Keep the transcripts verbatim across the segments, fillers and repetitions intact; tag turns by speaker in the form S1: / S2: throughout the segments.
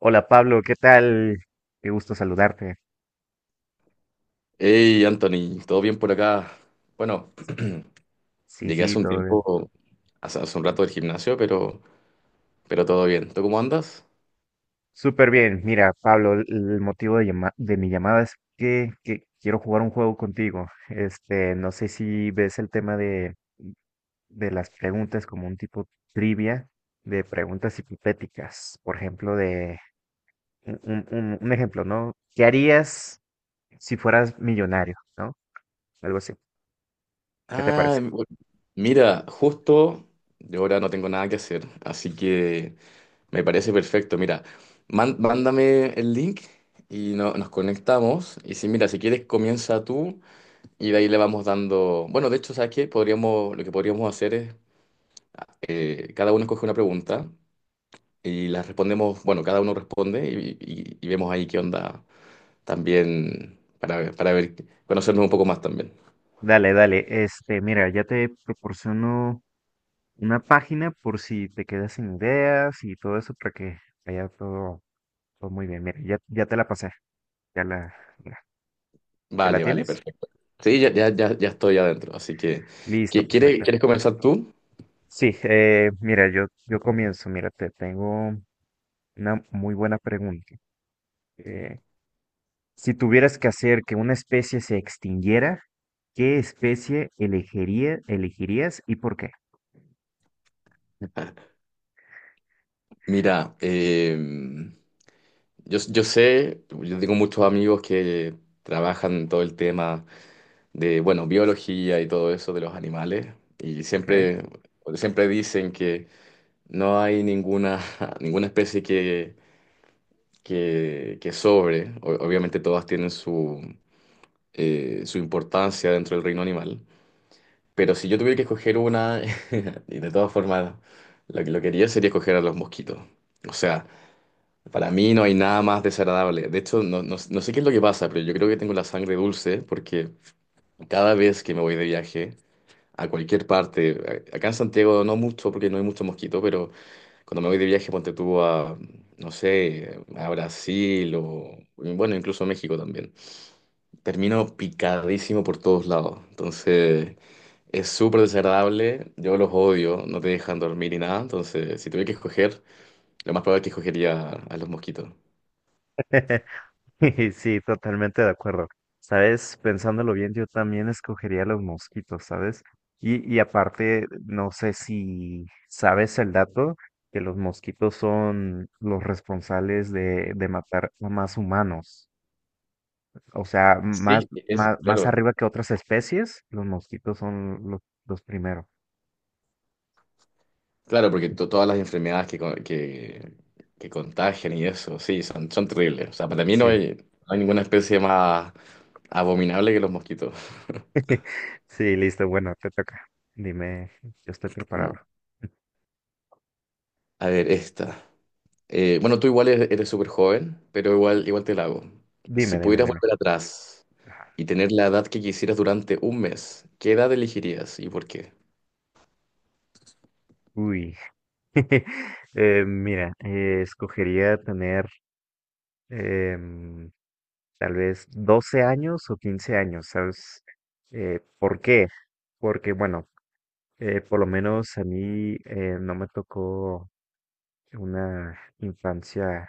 S1: Hola Pablo, ¿qué tal? Qué gusto saludarte.
S2: Hey Anthony, ¿todo bien por acá? Bueno,
S1: Sí,
S2: llegué
S1: sí,
S2: hace un
S1: todo bien.
S2: tiempo, hace, hace un rato del gimnasio, pero, pero todo bien. ¿Tú cómo andas?
S1: Súper bien. Mira, Pablo, el el motivo de, llama- de mi llamada es que, que quiero jugar un juego contigo. Este, no sé si ves el tema de, de las preguntas como un tipo trivia de preguntas hipotéticas. Por ejemplo, de un, un- un- un ejemplo, ¿no? ¿Qué harías si fueras millonario, ¿no? Algo así. ¿Qué te
S2: Ah,
S1: parece?
S2: bu- mira, justo yo ahora no tengo nada que hacer, así que me parece perfecto. Mira, man- mándame el link y no- nos conectamos. Y si, mira, si quieres comienza tú y de ahí le vamos dando. Bueno, de hecho, ¿sabes qué? Podríamos, lo que podríamos hacer es, eh, cada uno escoge una pregunta y las respondemos, bueno, cada uno responde y, y- y vemos ahí qué onda también para, ver- para ver, conocernos un poco más también.
S1: Dale, dale. Este, mira, ya te proporciono una página por si te quedas sin ideas y todo eso para que vaya todo, todo muy bien. Mira, ya, ya te la pasé. Ya la, mira, ¿ya la
S2: Vale, vale,
S1: tienes?
S2: perfecto. Sí, ya, ya, ya, ya estoy adentro, así que,
S1: Listo,
S2: ¿qui- ¿quiere-
S1: perfecto.
S2: ¿quieres comenzar tú?
S1: Sí, eh, mira, yo, yo comienzo. Mira, te tengo una muy buena pregunta. Eh, si tuvieras que hacer que una especie se extinguiera, ¿qué especie elegiría, elegirías y por qué?
S2: Mira, eh, yo, yo sé, yo tengo muchos amigos que trabajan todo el tema de, bueno, biología y todo eso de los animales, y
S1: ¿Ok?
S2: siempre, siempre dicen que no hay ninguna, ninguna especie que que, que sobre. O- obviamente todas tienen su, eh, su importancia dentro del reino animal, pero si yo tuviera que escoger una, y de todas formas lo que lo quería sería escoger a los mosquitos. O sea, para mí no hay nada más desagradable. De hecho, no, no, no sé qué es lo que pasa, pero yo creo que tengo la sangre dulce porque cada vez que me voy de viaje a cualquier parte, a- acá en Santiago no mucho porque no hay mucho mosquito, pero... Cuando me voy de viaje, ponte tú a, no sé, a Brasil o, bueno, incluso a México también. Termino picadísimo por todos lados. Entonces, es súper desagradable. Yo los odio, no te dejan dormir ni nada. Entonces, si tuviera que escoger, lo más probable es que escogería a los mosquitos.
S1: Sí, totalmente de acuerdo. Sabes, pensándolo bien, yo también escogería los mosquitos, ¿sabes? Y, y aparte, no sé si sabes el dato, que los mosquitos son los responsables de, de matar a más humanos. O sea, más,
S2: Sí, es,
S1: más, más
S2: claro,
S1: arriba que otras especies, los mosquitos son los, los primeros.
S2: claro, porque to- todas las enfermedades que, con- que, que contagian y eso, sí, son, son terribles. O sea, para mí no
S1: Sí,
S2: hay, no hay ninguna especie más abominable que los mosquitos.
S1: sí, listo. Bueno, te toca. Dime, yo estoy preparado.
S2: Mm. A ver, esta. Eh, bueno, tú igual eres eres súper joven, pero igual, igual te la hago. Si
S1: Dime, dime,
S2: pudieras
S1: dime.
S2: volver atrás
S1: Ajá.
S2: y tener la edad que quisieras durante un mes, ¿qué edad elegirías y por qué?
S1: Uy. Eh, mira, eh, escogería tener em, tal vez doce años o quince años, ¿sabes? Eh, ¿por qué? Porque, bueno, eh, por lo menos a mí eh, no me tocó una infancia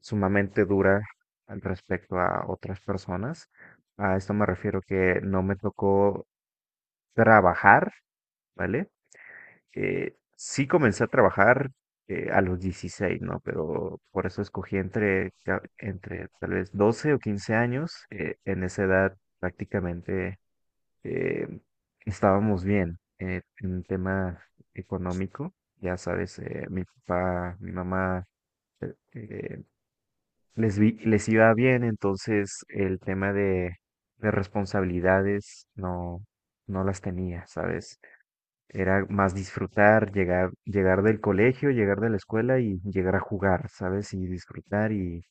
S1: sumamente dura al respecto a otras personas. A esto me refiero que no me tocó trabajar, ¿vale? Eh, sí comencé a trabajar eh, a los dieciséis, ¿no? Pero por eso escogí entre, ta- entre tal vez doce o quince años. Eh, en esa edad prácticamente eh, estábamos bien eh, en un tema económico. Ya sabes, eh, mi papá, mi mamá eh, eh, les, vi- les iba bien, entonces el tema de, de responsabilidades no, no las tenía, ¿sabes? Era más disfrutar, llegar, llegar del colegio, llegar de la escuela y llegar a jugar, ¿sabes? Y disfrutar y,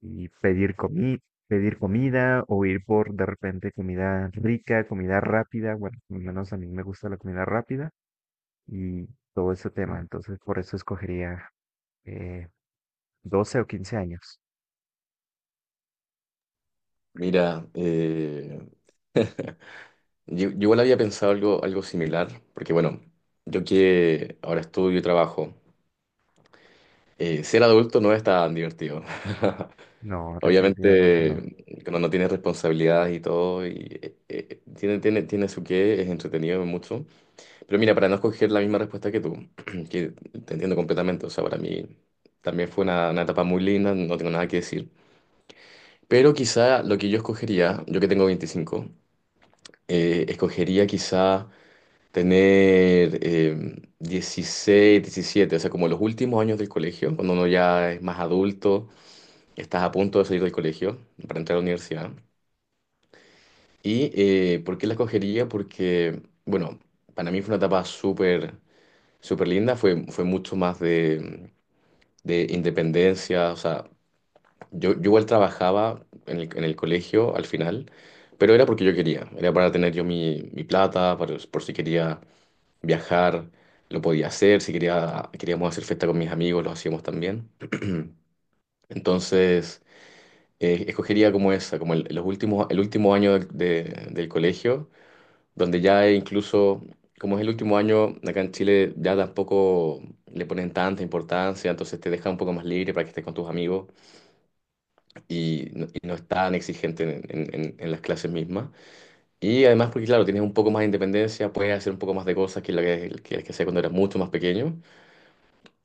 S1: y pedir comi- pedir comida o ir por de repente comida rica, comida rápida. Bueno, al menos a mí me gusta la comida rápida y todo ese tema. Entonces, por eso escogería eh, doce o quince años.
S2: Mira, eh, yo, yo igual había pensado algo, algo similar, porque bueno, yo que ahora estudio y trabajo, eh, ser adulto no es tan divertido.
S1: No, definitivamente no.
S2: Obviamente, cuando no tienes responsabilidades y todo, y, eh, eh, tiene, tiene, tiene su qué, es entretenido mucho. Pero mira, para no escoger la misma respuesta que tú, que te entiendo completamente, o sea, para mí también fue una, una etapa muy linda, no tengo nada que decir. Pero quizá lo que yo escogería, yo que tengo veinticinco, eh, escogería quizá tener eh, dieciséis, diecisiete, o sea, como los últimos años del colegio, cuando uno ya es más adulto, estás a punto de salir del colegio para entrar a la universidad. ¿Y eh, por qué la escogería? Porque, bueno, para mí fue una etapa súper súper linda, fue, fue mucho más de, de independencia, o sea, yo, yo igual trabajaba en el, en el colegio al final, pero era porque yo quería, era para tener yo mi, mi plata, para- por si quería viajar, lo podía hacer, si quería, queríamos hacer fiesta con mis amigos, lo hacíamos también. Entonces, eh, escogería como esa, como el, los últimos, el último año del de- del colegio, donde ya incluso, como es el último año, acá en Chile ya tampoco le ponen tanta importancia, entonces te deja un poco más libre para que estés con tus amigos y no, y no es tan exigente en, en- en- en las clases mismas. Y además porque, claro, tienes un poco más de independencia, puedes hacer un poco más de cosas que lo que, que, que hacías cuando eras mucho más pequeño.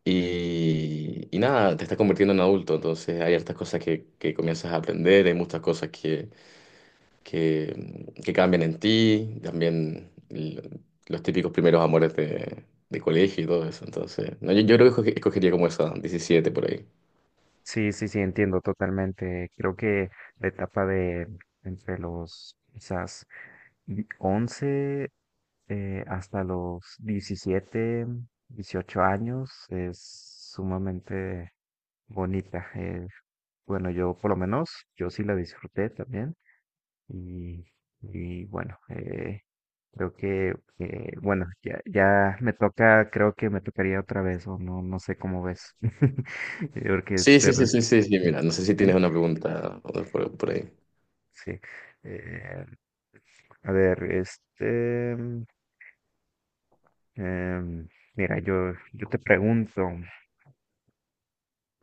S2: Y, y nada, te estás convirtiendo en adulto, entonces hay hartas cosas que, que comienzas a aprender, hay muchas cosas que que, que cambian en ti, también l- los típicos primeros amores de, de colegio y todo eso. Entonces, no, yo, yo creo que escoge- escogería como esa, diecisiete por ahí.
S1: Sí, sí, sí, entiendo totalmente. Creo que la etapa de entre los quizás di- once eh, hasta los diecisiete, dieciocho años es sumamente bonita. Eh, bueno, yo por lo menos, yo sí la disfruté también. Y, y bueno, eh, creo que, eh, bueno, ya, ya me toca, creo que me tocaría otra vez, o no, no sé cómo ves. Eh, Porque
S2: Sí,
S1: te
S2: sí, sí,
S1: re-
S2: sí, sí, sí, mira, no sé si
S1: sí,
S2: tienes una pregunta por, por ahí.
S1: sí. Eh, a ver, este, mm, em, mira, yo, yo te pregunto,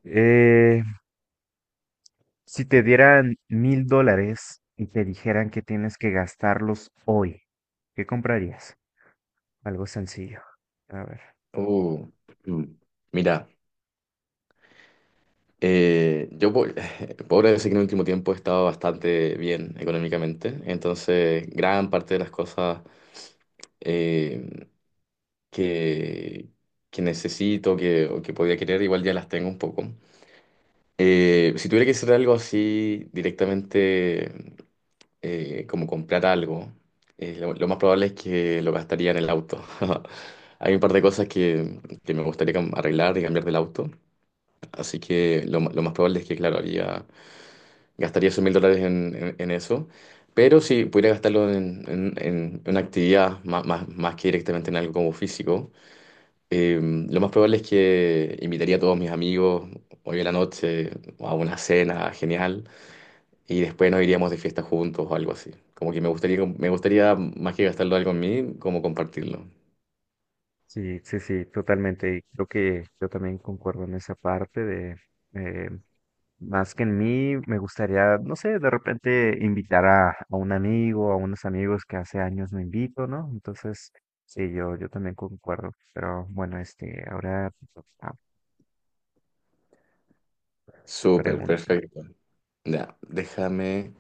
S1: eh, si te dieran mil dólares y te dijeran que tienes que gastarlos hoy, ¿qué comprarías? Algo sencillo. A ver.
S2: Uh, mm, mira, eh, yo po- podría decir que en el último tiempo he estado bastante bien económicamente, entonces gran parte de las cosas eh, que, que necesito que, o que podía querer igual ya las tengo un poco. Eh, si tuviera que hacer algo así directamente, eh, como comprar algo, eh, lo, lo más probable es que lo gastaría en el auto. Hay un par de cosas que, que me gustaría cam- arreglar y cambiar del auto, así que lo, ma- lo más probable es que, claro, haría, gastaría esos mil dólares en, en- en eso, pero si pudiera gastarlo en, en- en una actividad más, más, más que directamente en algo como físico, eh, lo más probable es que invitaría a todos mis amigos hoy en la noche a una cena genial y después nos iríamos de fiesta juntos o algo así. Como que me gustaría, me gustaría más que gastarlo algo en mí, como compartirlo.
S1: Sí, sí, sí, totalmente. Y creo que yo también concuerdo en esa parte de, eh, más que en mí, me gustaría, no sé, de repente invitar a, a un amigo, a unos amigos que hace años no invito, ¿no? Entonces, sí, yo, yo también concuerdo. Pero bueno, este, ahora ah, te
S2: Súper,
S1: pregunta.
S2: perfecto. Ya, déjame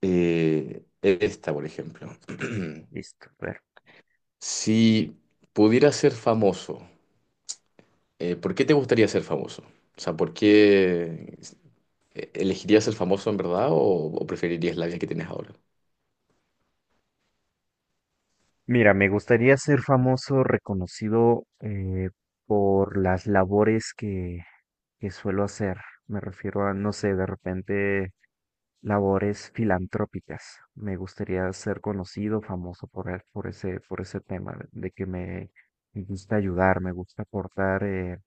S2: eh, esta, por ejemplo.
S1: Listo, a ver.
S2: Si pudieras ser famoso, eh, ¿por qué te gustaría ser famoso? O sea, ¿por qué elegirías ser famoso en verdad o, o preferirías la vida que tienes ahora?
S1: Mira, me gustaría ser famoso, reconocido eh, por las labores que, que suelo hacer. Me refiero a, no sé, de repente labores filantrópicas. Me gustaría ser conocido, famoso por, e- por ese, por ese tema, de de que me, me gusta ayudar, me gusta aportar, eh,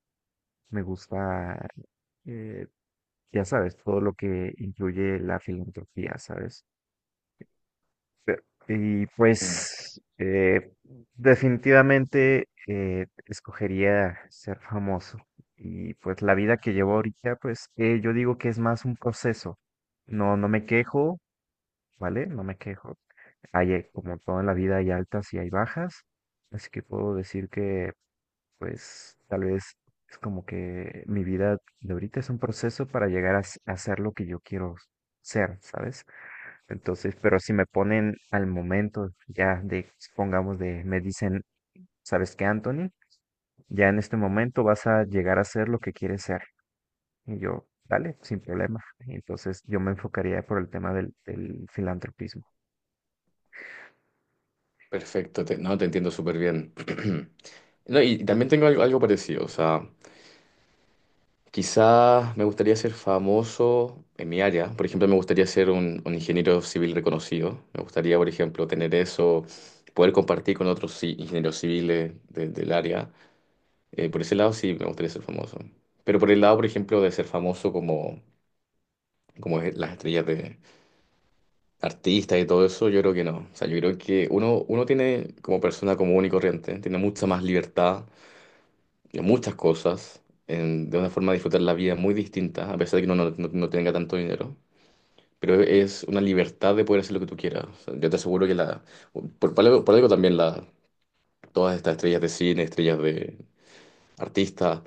S1: me gusta, eh, ya sabes, todo lo que incluye la filantropía, ¿sabes? Pe- Y
S2: Mm.
S1: pues eh, definitivamente eh, escogería ser famoso. Y pues la vida que llevo ahorita, pues eh, yo digo que es más un proceso. No, no me quejo, ¿vale? No me quejo. Hay, eh, como todo en la vida, hay altas y hay bajas. Así que puedo decir que, pues, tal vez es como que mi vida de ahorita es un proceso para llegar a, s- a ser lo que yo quiero ser, ¿sabes? Entonces, pero si me ponen al momento, ya de, supongamos de, me dicen, ¿sabes qué, Anthony? Ya en este momento vas a llegar a ser lo que quieres ser. Y yo, dale, sin problema. Entonces, yo me enfocaría por el tema del, del filantropismo.
S2: Perfecto, te- no, te entiendo súper bien. No, y, y también tengo algo, algo parecido, o sea, quizás me gustaría ser famoso en mi área. Por ejemplo, me gustaría ser un, un ingeniero civil reconocido. Me gustaría, por ejemplo, tener eso, poder compartir con otros ci- ingenieros civiles de- del área. Eh, por ese lado sí me gustaría ser famoso. Pero por el lado, por ejemplo, de ser famoso como, como es las estrellas de artistas y todo eso, yo creo que no. O sea, yo creo que uno, uno tiene como persona común y corriente, tiene mucha más libertad de muchas cosas, en- de una forma de disfrutar la vida muy distinta, a pesar de que uno no, no- no tenga tanto dinero. Pero es una libertad de poder hacer lo que tú quieras. O sea, yo te aseguro que la, por, por algo por algo también la, todas estas estrellas de cine, estrellas de artistas,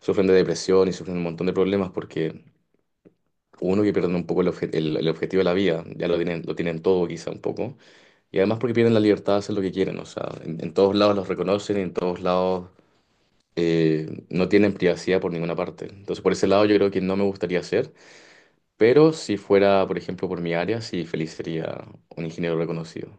S2: sufren de depresión y sufren un montón de problemas porque uno que pierde un poco el, obje- el- el objetivo de la vida, ya lo tienen, lo tienen todo quizá un poco, y además porque pierden la libertad de hacer lo que quieren. O sea, en en todos lados los reconocen, en todos lados eh, no tienen privacidad por ninguna parte. Entonces, por ese lado, yo creo que no me gustaría hacer, pero si fuera, por ejemplo, por mi área, sí, feliz sería un ingeniero reconocido.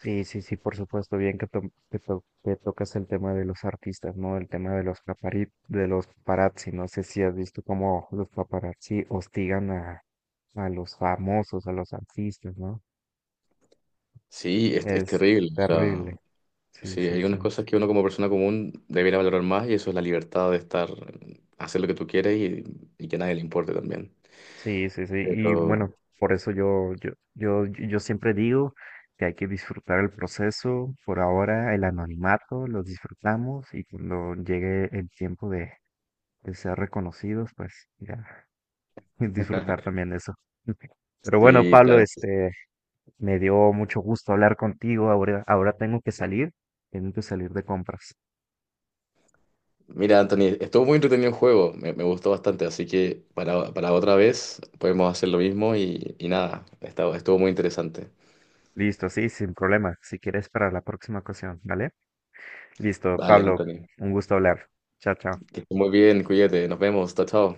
S1: Sí, sí, sí, por supuesto, bien que, to- que, to- que tocas el tema de los artistas, ¿no? El tema de los papari- de los paparazzi. No sé si has visto cómo los paparazzi hostigan a, a los famosos, a los artistas, ¿no?
S2: Sí, es, es
S1: Es
S2: terrible. O
S1: terrible.
S2: sea,
S1: Sí,
S2: sí,
S1: sí,
S2: hay
S1: sí.
S2: unas cosas que uno como persona común debería valorar más y eso es la libertad de estar, hacer lo que tú quieres y, y que a nadie le importe también.
S1: Sí, sí, sí. Y bueno,
S2: Pero
S1: por eso yo, yo, yo, yo siempre digo que hay que disfrutar el proceso. Por ahora, el anonimato lo disfrutamos y cuando llegue el tiempo de, de ser reconocidos, pues ya disfrutar también eso. Pero bueno,
S2: sí,
S1: Pablo,
S2: claro.
S1: este, me dio mucho gusto hablar contigo. Ahora, ahora tengo que salir, tengo que salir de compras.
S2: Mira, Anthony, estuvo muy entretenido el juego, me, me gustó bastante, así que para, para otra vez podemos hacer lo mismo y, y nada, estuvo, estuvo muy interesante.
S1: Listo, sí, sin problema. Si quieres para la próxima ocasión, ¿vale? Listo,
S2: Vale,
S1: Pablo,
S2: Anthony,
S1: un gusto hablar. Chao,
S2: que
S1: chao.
S2: estés muy bien, cuídate, nos vemos, chao, chao.